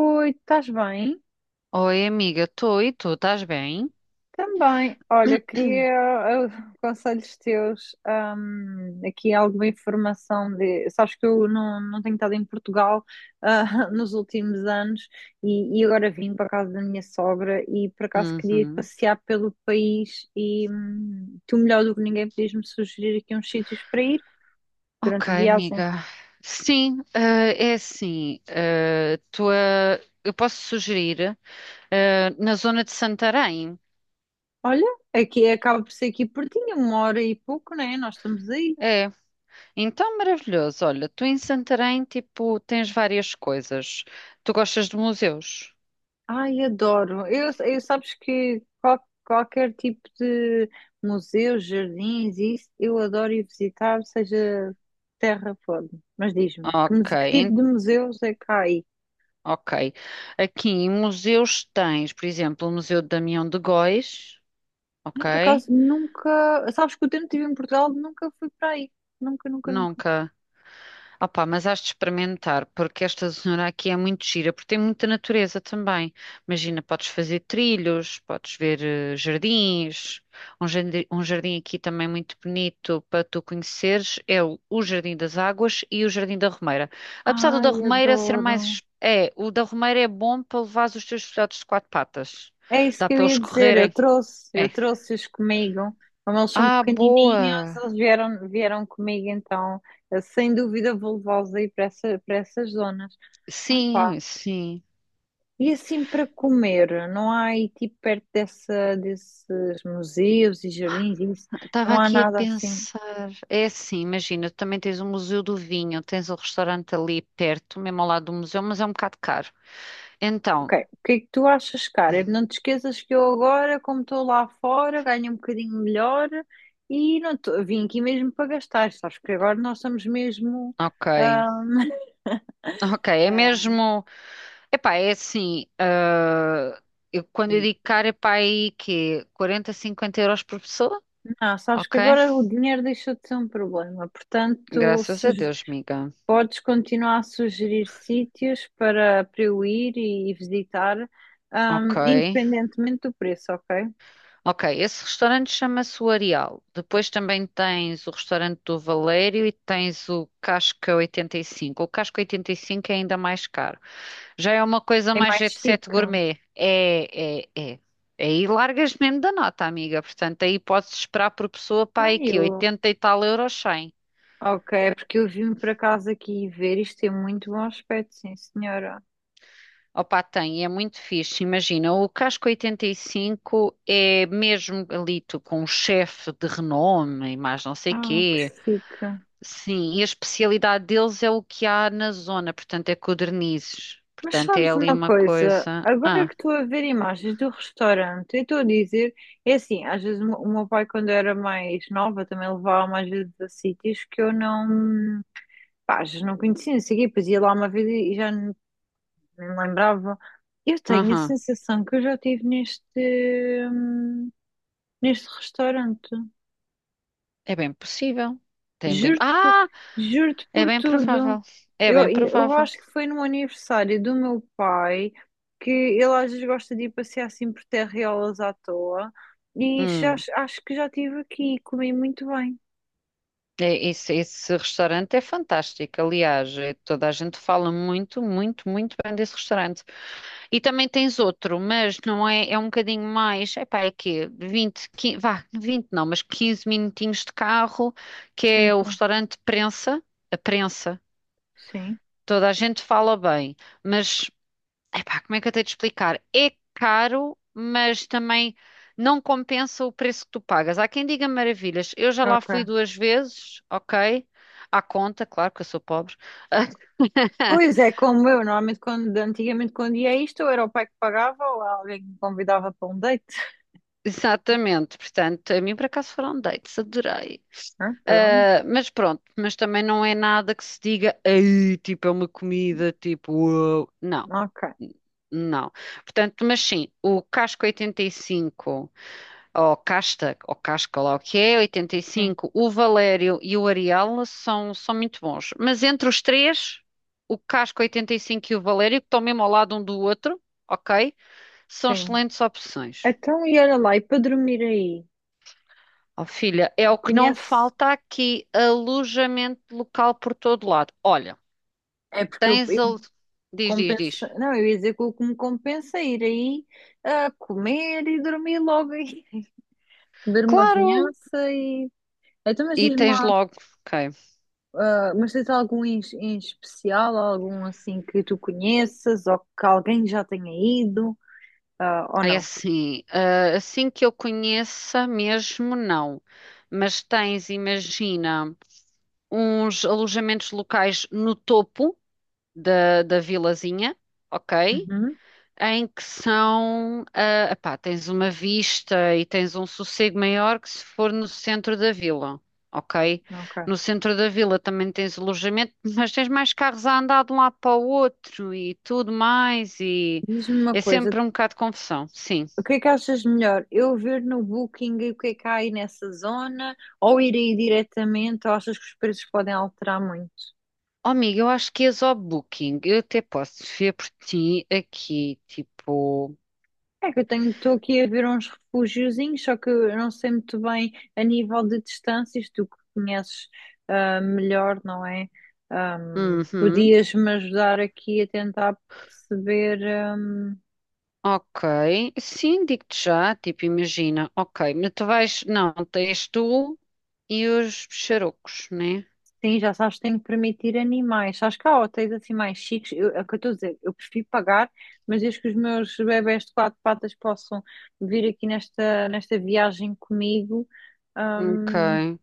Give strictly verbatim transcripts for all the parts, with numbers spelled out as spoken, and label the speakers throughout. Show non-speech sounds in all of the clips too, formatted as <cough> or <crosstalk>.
Speaker 1: Oi, estás bem?
Speaker 2: Oi, amiga, tô. E tu, estás bem?
Speaker 1: Também. Olha, queria eh, conselhos teus, ahm, aqui alguma informação de. Sabes que eu não, não tenho estado em Portugal, ah, <laughs> nos últimos anos e, e agora vim para a casa da minha sogra e por acaso queria ir
Speaker 2: Uhum.
Speaker 1: passear pelo país e hum, tu melhor do que ninguém podias-me sugerir aqui uns sítios para ir
Speaker 2: Ok,
Speaker 1: durante a viagem.
Speaker 2: amiga. Sim, eh, é assim, eh, tua- eu posso sugerir, eh, na zona de Santarém.
Speaker 1: Olha, aqui acaba por ser aqui pertinho, uma hora e pouco, né? Nós estamos aí.
Speaker 2: É, então maravilhoso. Olha, tu em Santarém, tipo, tens várias coisas. Tu gostas de museus?
Speaker 1: Ai, adoro. Eu, eu sabes que qual- qualquer tipo de museus, jardins, isso, eu adoro ir visitar, seja terra for. Mas diz-me, que,
Speaker 2: Ok,
Speaker 1: muse- que tipo
Speaker 2: en-
Speaker 1: de museus é que há aí?
Speaker 2: ok. Aqui em museus tens, por exemplo, o Museu de Damião de Góis,
Speaker 1: Eu, por
Speaker 2: ok?
Speaker 1: acaso, nunca... Sabes que o tempo que estive em Portugal, nunca fui para aí. Nunca, nunca, nunca.
Speaker 2: Nunca. Opa, mas has de experimentar, porque esta zona aqui é muito gira, porque tem muita natureza também. Imagina, podes fazer trilhos, podes ver eh, jardins. Um jardim, um jardim aqui também muito bonito para tu conheceres é o, o Jardim das Águas e o Jardim da Romeira. Apesar do da
Speaker 1: Ai,
Speaker 2: Romeira ser
Speaker 1: adoro.
Speaker 2: mais. É, o da Romeira é bom para levar os teus filhotes de quatro patas.
Speaker 1: É isso
Speaker 2: Dá
Speaker 1: que eu
Speaker 2: para
Speaker 1: ia
Speaker 2: eles
Speaker 1: dizer, eu
Speaker 2: correrem.
Speaker 1: trouxe, eu
Speaker 2: É.
Speaker 1: trouxe-os comigo, como eles são
Speaker 2: Ah,
Speaker 1: pequenininhos,
Speaker 2: boa!
Speaker 1: eles vieram, vieram comigo, então eh, sem dúvida vou levá-los aí para essa, para essas zonas. Ah pá,
Speaker 2: Sim, sim.
Speaker 1: e assim para comer, não há aí tipo perto dessa, desses museus e jardins, e isso,
Speaker 2: Estava
Speaker 1: não há
Speaker 2: aqui a
Speaker 1: nada assim.
Speaker 2: pensar, é assim, imagina, tu também tens o Museu do Vinho, tens o restaurante ali perto, mesmo ao lado do museu, mas é um bocado caro.
Speaker 1: Ok,
Speaker 2: Então,
Speaker 1: o que é que tu achas, cara? Não te esqueças que eu agora, como estou lá fora, ganho um bocadinho melhor e não tô- vim aqui mesmo para gastar, sabes que agora nós estamos mesmo
Speaker 2: ok,
Speaker 1: ah,
Speaker 2: ok, é
Speaker 1: sei lá.
Speaker 2: mesmo, epá, é assim, ah, eu, quando eu digo caro, epá, aí que quarenta, cinquenta euros por pessoa?
Speaker 1: Não, sabes que
Speaker 2: Ok,
Speaker 1: agora o dinheiro deixou de ser um problema, portanto,
Speaker 2: graças a
Speaker 1: suge-
Speaker 2: Deus, amiga,
Speaker 1: podes continuar a sugerir sítios para, para eu ir e visitar,
Speaker 2: ok.
Speaker 1: ahm, independentemente do preço, ok?
Speaker 2: Ok, esse restaurante chama-se o Areal. Depois também tens o restaurante do Valério e tens o Casca oitenta e cinco. O Casca oitenta e cinco é ainda mais caro. Já é uma coisa
Speaker 1: É
Speaker 2: mais
Speaker 1: mais
Speaker 2: jet set
Speaker 1: chique.
Speaker 2: gourmet. É, é, é. Aí largas mesmo da nota, amiga. Portanto, aí podes esperar por pessoa para aí
Speaker 1: Ai,
Speaker 2: que
Speaker 1: eu...
Speaker 2: oitenta e tal euros, cem.
Speaker 1: Ok, é porque eu vim para casa aqui ver, isto tem muito bom aspecto, sim, senhora.
Speaker 2: Opa, tem, é muito fixe. Imagina, o Casco oitenta e cinco é mesmo ali tu, com um chefe de renome e mais não sei
Speaker 1: Ah, que
Speaker 2: quê.
Speaker 1: chique.
Speaker 2: Sim, e a especialidade deles é o que há na zona, portanto é codornizes.
Speaker 1: Mas
Speaker 2: Portanto é
Speaker 1: sabes
Speaker 2: ali
Speaker 1: uma
Speaker 2: uma
Speaker 1: coisa?
Speaker 2: coisa.
Speaker 1: Agora
Speaker 2: Ah,
Speaker 1: que estou a ver imagens do restaurante, eu estou a dizer, é assim, às vezes o meu o meu pai, quando era mais nova, também levava-me às vezes a sítios que eu não, pá, às vezes não conhecia, não sei o quê, depois ia lá uma vez e já nem nem me lembrava. Eu tenho a
Speaker 2: aham,
Speaker 1: sensação que eu já estive neste, hum, neste restaurante.
Speaker 2: é bem possível. Tem bem.
Speaker 1: Juro-te por,
Speaker 2: Ah,
Speaker 1: juro-te
Speaker 2: é
Speaker 1: por
Speaker 2: bem
Speaker 1: tudo.
Speaker 2: provável. É
Speaker 1: Eu,
Speaker 2: bem
Speaker 1: eu
Speaker 2: provável.
Speaker 1: acho que foi no aniversário do meu pai que ele às vezes gosta de ir passear assim por terreolas à toa e já,
Speaker 2: Hum,
Speaker 1: acho que já estive aqui e comi muito bem.
Speaker 2: é, esse, esse restaurante é fantástico. Aliás, é- toda a gente fala muito, muito, muito bem desse restaurante. E também tens outro, mas não é, é um bocadinho mais, epá, é quê? vinte, quinze, vá, vinte não, mas quinze minutinhos de carro, que
Speaker 1: Sim,
Speaker 2: é o
Speaker 1: sim,
Speaker 2: restaurante Prensa, a Prensa,
Speaker 1: sim.
Speaker 2: toda a gente fala bem, mas, epá, como é que eu tenho de explicar? É caro, mas também não compensa o preço que tu pagas. Há quem diga maravilhas, eu já lá fui
Speaker 1: Ok.
Speaker 2: duas vezes, ok? À conta, claro que eu sou pobre.
Speaker 1: Pois
Speaker 2: <laughs>
Speaker 1: é, como eu, normalmente quando, antigamente quando ia a isto, ou era o pai que pagava ou alguém que me convidava para um date.
Speaker 2: Exatamente, portanto, a mim por acaso foram dates, adorei.
Speaker 1: Ah, pronto,
Speaker 2: Ah, mas pronto, mas também não é nada que se diga: "Ei, tipo, é uma comida, tipo, uau." Não,
Speaker 1: ok,
Speaker 2: não. Portanto, mas sim, o casco oitenta e cinco, ou casta, ou casca, lá o que é, oitenta e
Speaker 1: sim,
Speaker 2: cinco, o Valério e o Arial são, são muito bons. Mas entre os três, o casco oitenta e cinco e cinco e o Valério, que estão mesmo ao lado um do outro, ok? São
Speaker 1: sim.
Speaker 2: excelentes opções.
Speaker 1: Então, e era lá, e para dormir aí?
Speaker 2: Oh, filha, é o que não
Speaker 1: Conhece?
Speaker 2: falta aqui, alojamento local por todo lado. Olha.
Speaker 1: É porque eu,
Speaker 2: Tens a... Diz, diz, diz.
Speaker 1: compensa... Não, eu ia dizer que o que me compensa é ir aí a comer e dormir logo aí. <laughs> Beber uma
Speaker 2: Claro!
Speaker 1: vinhaça e. Então, mas
Speaker 2: E
Speaker 1: diz-me
Speaker 2: tens
Speaker 1: lá,
Speaker 2: logo. Ok.
Speaker 1: mas tens algum em, em especial, algum assim que tu conheças ou que alguém já tenha ido, ah, ou
Speaker 2: É
Speaker 1: não?
Speaker 2: assim, ah, assim que eu conheça mesmo, não. Mas tens, imagina, uns alojamentos locais no topo da, da vilazinha, ok?
Speaker 1: Uhum,
Speaker 2: Em que são, ah, epá, tens uma vista e tens um sossego maior que se for no centro da vila, ok? No
Speaker 1: ok.
Speaker 2: centro da vila também tens alojamento, <laughs> mas tens mais carros a andar de um lado para o outro e tudo mais, e
Speaker 1: Diz-me uma
Speaker 2: é
Speaker 1: coisa,
Speaker 2: sempre um bocado de confusão, sim.
Speaker 1: o que é que achas melhor? Eu ver no Booking e o que é que há aí nessa zona ou ir aí diretamente ou achas que os preços podem alterar muito?
Speaker 2: Oh, amiga, eu acho que és ao Booking, eu até posso ver por ti aqui, tipo.
Speaker 1: É que eu tenho, estou aqui a ver uns refugiozinhos, só que eu não sei muito bem a nível de distâncias, tu que conheces ah, melhor, não é? Ahm,
Speaker 2: Uhum.
Speaker 1: podias-me ajudar aqui a tentar perceber. Ahm,
Speaker 2: Ok, sim, digo-te já, tipo, imagina, ok, mas tu vais, não, tens tu e os xarocos, né?
Speaker 1: sim, já sabes que tenho que permitir animais. Sabes que há hotéis assim mais chiques, eu, é o que eu estou a dizer, eu prefiro pagar, mas desde que os meus bebés de quatro patas possam vir aqui nesta, nesta viagem comigo. ahm,
Speaker 2: Ok.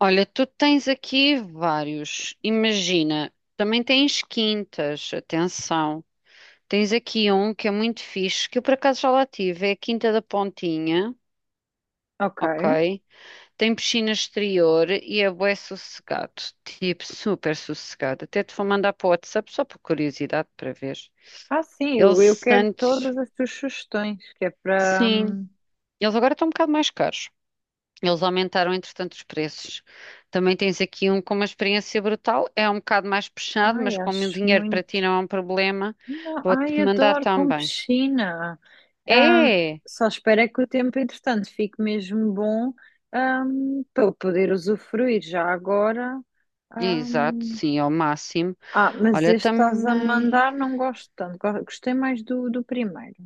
Speaker 2: Olha, tu tens aqui vários, imagina, também tens quintas, atenção. Tens aqui um que é muito fixe, que eu por acaso já lá tive, é a Quinta da Pontinha,
Speaker 1: ok.
Speaker 2: ok? Tem piscina exterior e é bué sossegado, tipo, super sossegado. Até te vou mandar para o WhatsApp só por curiosidade para ver.
Speaker 1: Ah, sim, eu, eu
Speaker 2: Eles
Speaker 1: quero
Speaker 2: antes,
Speaker 1: todas as tuas sugestões, que é para.
Speaker 2: sim,
Speaker 1: hum,
Speaker 2: eles agora estão um bocado mais caros. Eles aumentaram, entretanto, os preços. Também tens aqui um com uma experiência brutal. É um bocado mais puxado,
Speaker 1: Ai,
Speaker 2: mas como o
Speaker 1: acho
Speaker 2: dinheiro para ti
Speaker 1: muito.
Speaker 2: não é um problema,
Speaker 1: Não, ai,
Speaker 2: vou-te mandar
Speaker 1: adoro com
Speaker 2: também.
Speaker 1: piscina. Hum,
Speaker 2: É!
Speaker 1: só espero é que o tempo, entretanto, fique mesmo bom, hum, para eu poder usufruir já agora.
Speaker 2: Exato,
Speaker 1: hum.
Speaker 2: sim, ao máximo.
Speaker 1: Ah, mas
Speaker 2: Olha,
Speaker 1: este estás a
Speaker 2: também.
Speaker 1: mandar, não gosto tanto. Go- Gostei mais do, do primeiro.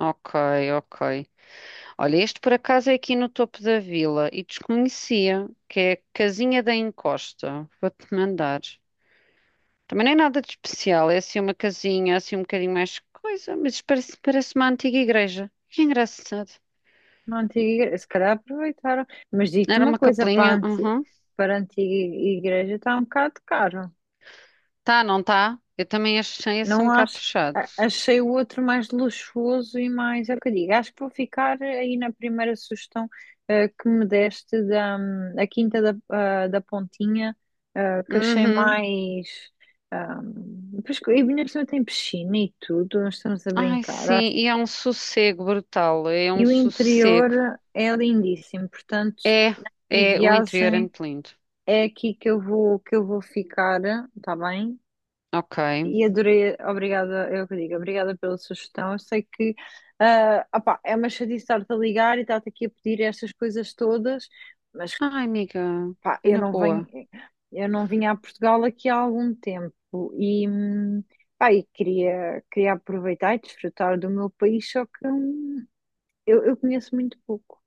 Speaker 2: Ok, ok. Olha, este por acaso é aqui no topo da vila e desconhecia, que é Casinha da Encosta. Vou-te mandar. Também não é nada de especial, é assim uma casinha, assim um bocadinho mais coisa, mas isso parece, parece uma antiga igreja. Que engraçado.
Speaker 1: Na antiga igreja, se calhar aproveitaram. Mas digo-te
Speaker 2: Era
Speaker 1: uma
Speaker 2: uma
Speaker 1: coisa, para a
Speaker 2: capelinha,
Speaker 1: anti-
Speaker 2: uhum.
Speaker 1: para a antiga igreja está um bocado caro.
Speaker 2: Tá, não tá? Eu também achei esse um
Speaker 1: Não
Speaker 2: bocado
Speaker 1: acho.
Speaker 2: fechado.
Speaker 1: a- Achei o outro mais luxuoso e mais. É o que eu digo. Acho que vou ficar aí na primeira sugestão eh, que me deste da hum, a Quinta da, ah, da Pontinha, ah, que achei
Speaker 2: Uhum.
Speaker 1: mais. Hum, pois que- e ainda por cima tem piscina e tudo, nós estamos a
Speaker 2: Ai,
Speaker 1: brincar.
Speaker 2: sim,
Speaker 1: Acho.
Speaker 2: e é um sossego brutal, é um
Speaker 1: E o
Speaker 2: sossego.
Speaker 1: interior é lindíssimo, portanto,
Speaker 2: É,
Speaker 1: em
Speaker 2: é, o interior é
Speaker 1: viagem
Speaker 2: muito lindo.
Speaker 1: é aqui que eu vou, que eu vou ficar, está bem?
Speaker 2: Ok.
Speaker 1: E adorei, obrigada, é o que eu digo, obrigada pela sugestão. Eu sei que ah, opá, é uma chatice estar-te a ligar e estar-te aqui a pedir estas coisas todas, mas
Speaker 2: Ai, amiga,
Speaker 1: pá,
Speaker 2: é
Speaker 1: eu
Speaker 2: na
Speaker 1: não venho,
Speaker 2: boa.
Speaker 1: eu não vim a Portugal aqui há algum tempo e, hum, pá, e queria, queria aproveitar e desfrutar do meu país, só que hum, eu, eu conheço muito pouco.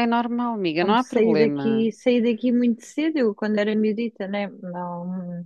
Speaker 2: É normal, amiga, não
Speaker 1: Como
Speaker 2: há
Speaker 1: saí
Speaker 2: problema.
Speaker 1: daqui, saí daqui muito cedo, eu quando era miudita, né? Não,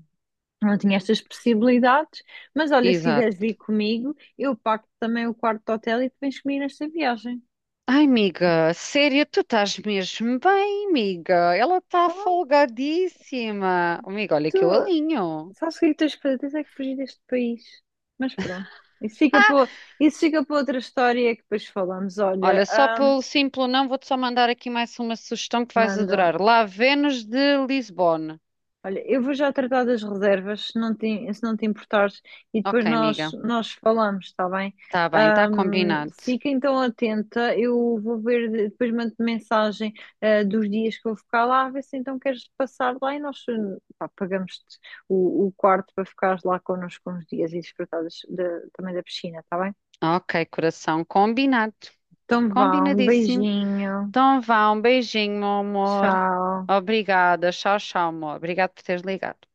Speaker 1: não tinha estas possibilidades, mas olha, se quiseres vir comigo, eu pago também o quarto de hotel e tu vens comigo nesta viagem.
Speaker 2: Ai, amiga, sério, tu estás mesmo bem, amiga. Ela está folgadíssima. Oh, amiga, olha
Speaker 1: Tu,
Speaker 2: que eu alinho.
Speaker 1: sabes o que é que tens que fazer? Tens é que fugir deste país. Mas pronto, isso fica
Speaker 2: Ah,
Speaker 1: para, isso fica para outra história que depois falamos. Olha,
Speaker 2: olha, só
Speaker 1: ahm,
Speaker 2: pelo simples não, vou-te só mandar aqui mais uma sugestão que vais
Speaker 1: manda.
Speaker 2: adorar. Lá, Vênus de Lisbona.
Speaker 1: Olha, eu vou já tratar das reservas, se não te, se não te importares, e depois
Speaker 2: Ok,
Speaker 1: nós,
Speaker 2: amiga.
Speaker 1: nós falamos, está bem?
Speaker 2: Tá bem, tá
Speaker 1: Ahm,
Speaker 2: combinado.
Speaker 1: fica então atenta, eu vou ver, de- depois mando mensagem, ah, dos dias que vou ficar lá, a ver se então queres passar lá e nós, pá, pagamos-te o, o quarto para ficares lá connosco uns dias e desfrutares da- também da piscina, está bem?
Speaker 2: Ok, coração, combinado.
Speaker 1: Então vá, um
Speaker 2: Combinadíssimo.
Speaker 1: beijinho,
Speaker 2: Então vá, um beijinho, meu amor.
Speaker 1: tchau.
Speaker 2: Obrigada. Tchau, tchau, amor. Obrigada por teres ligado.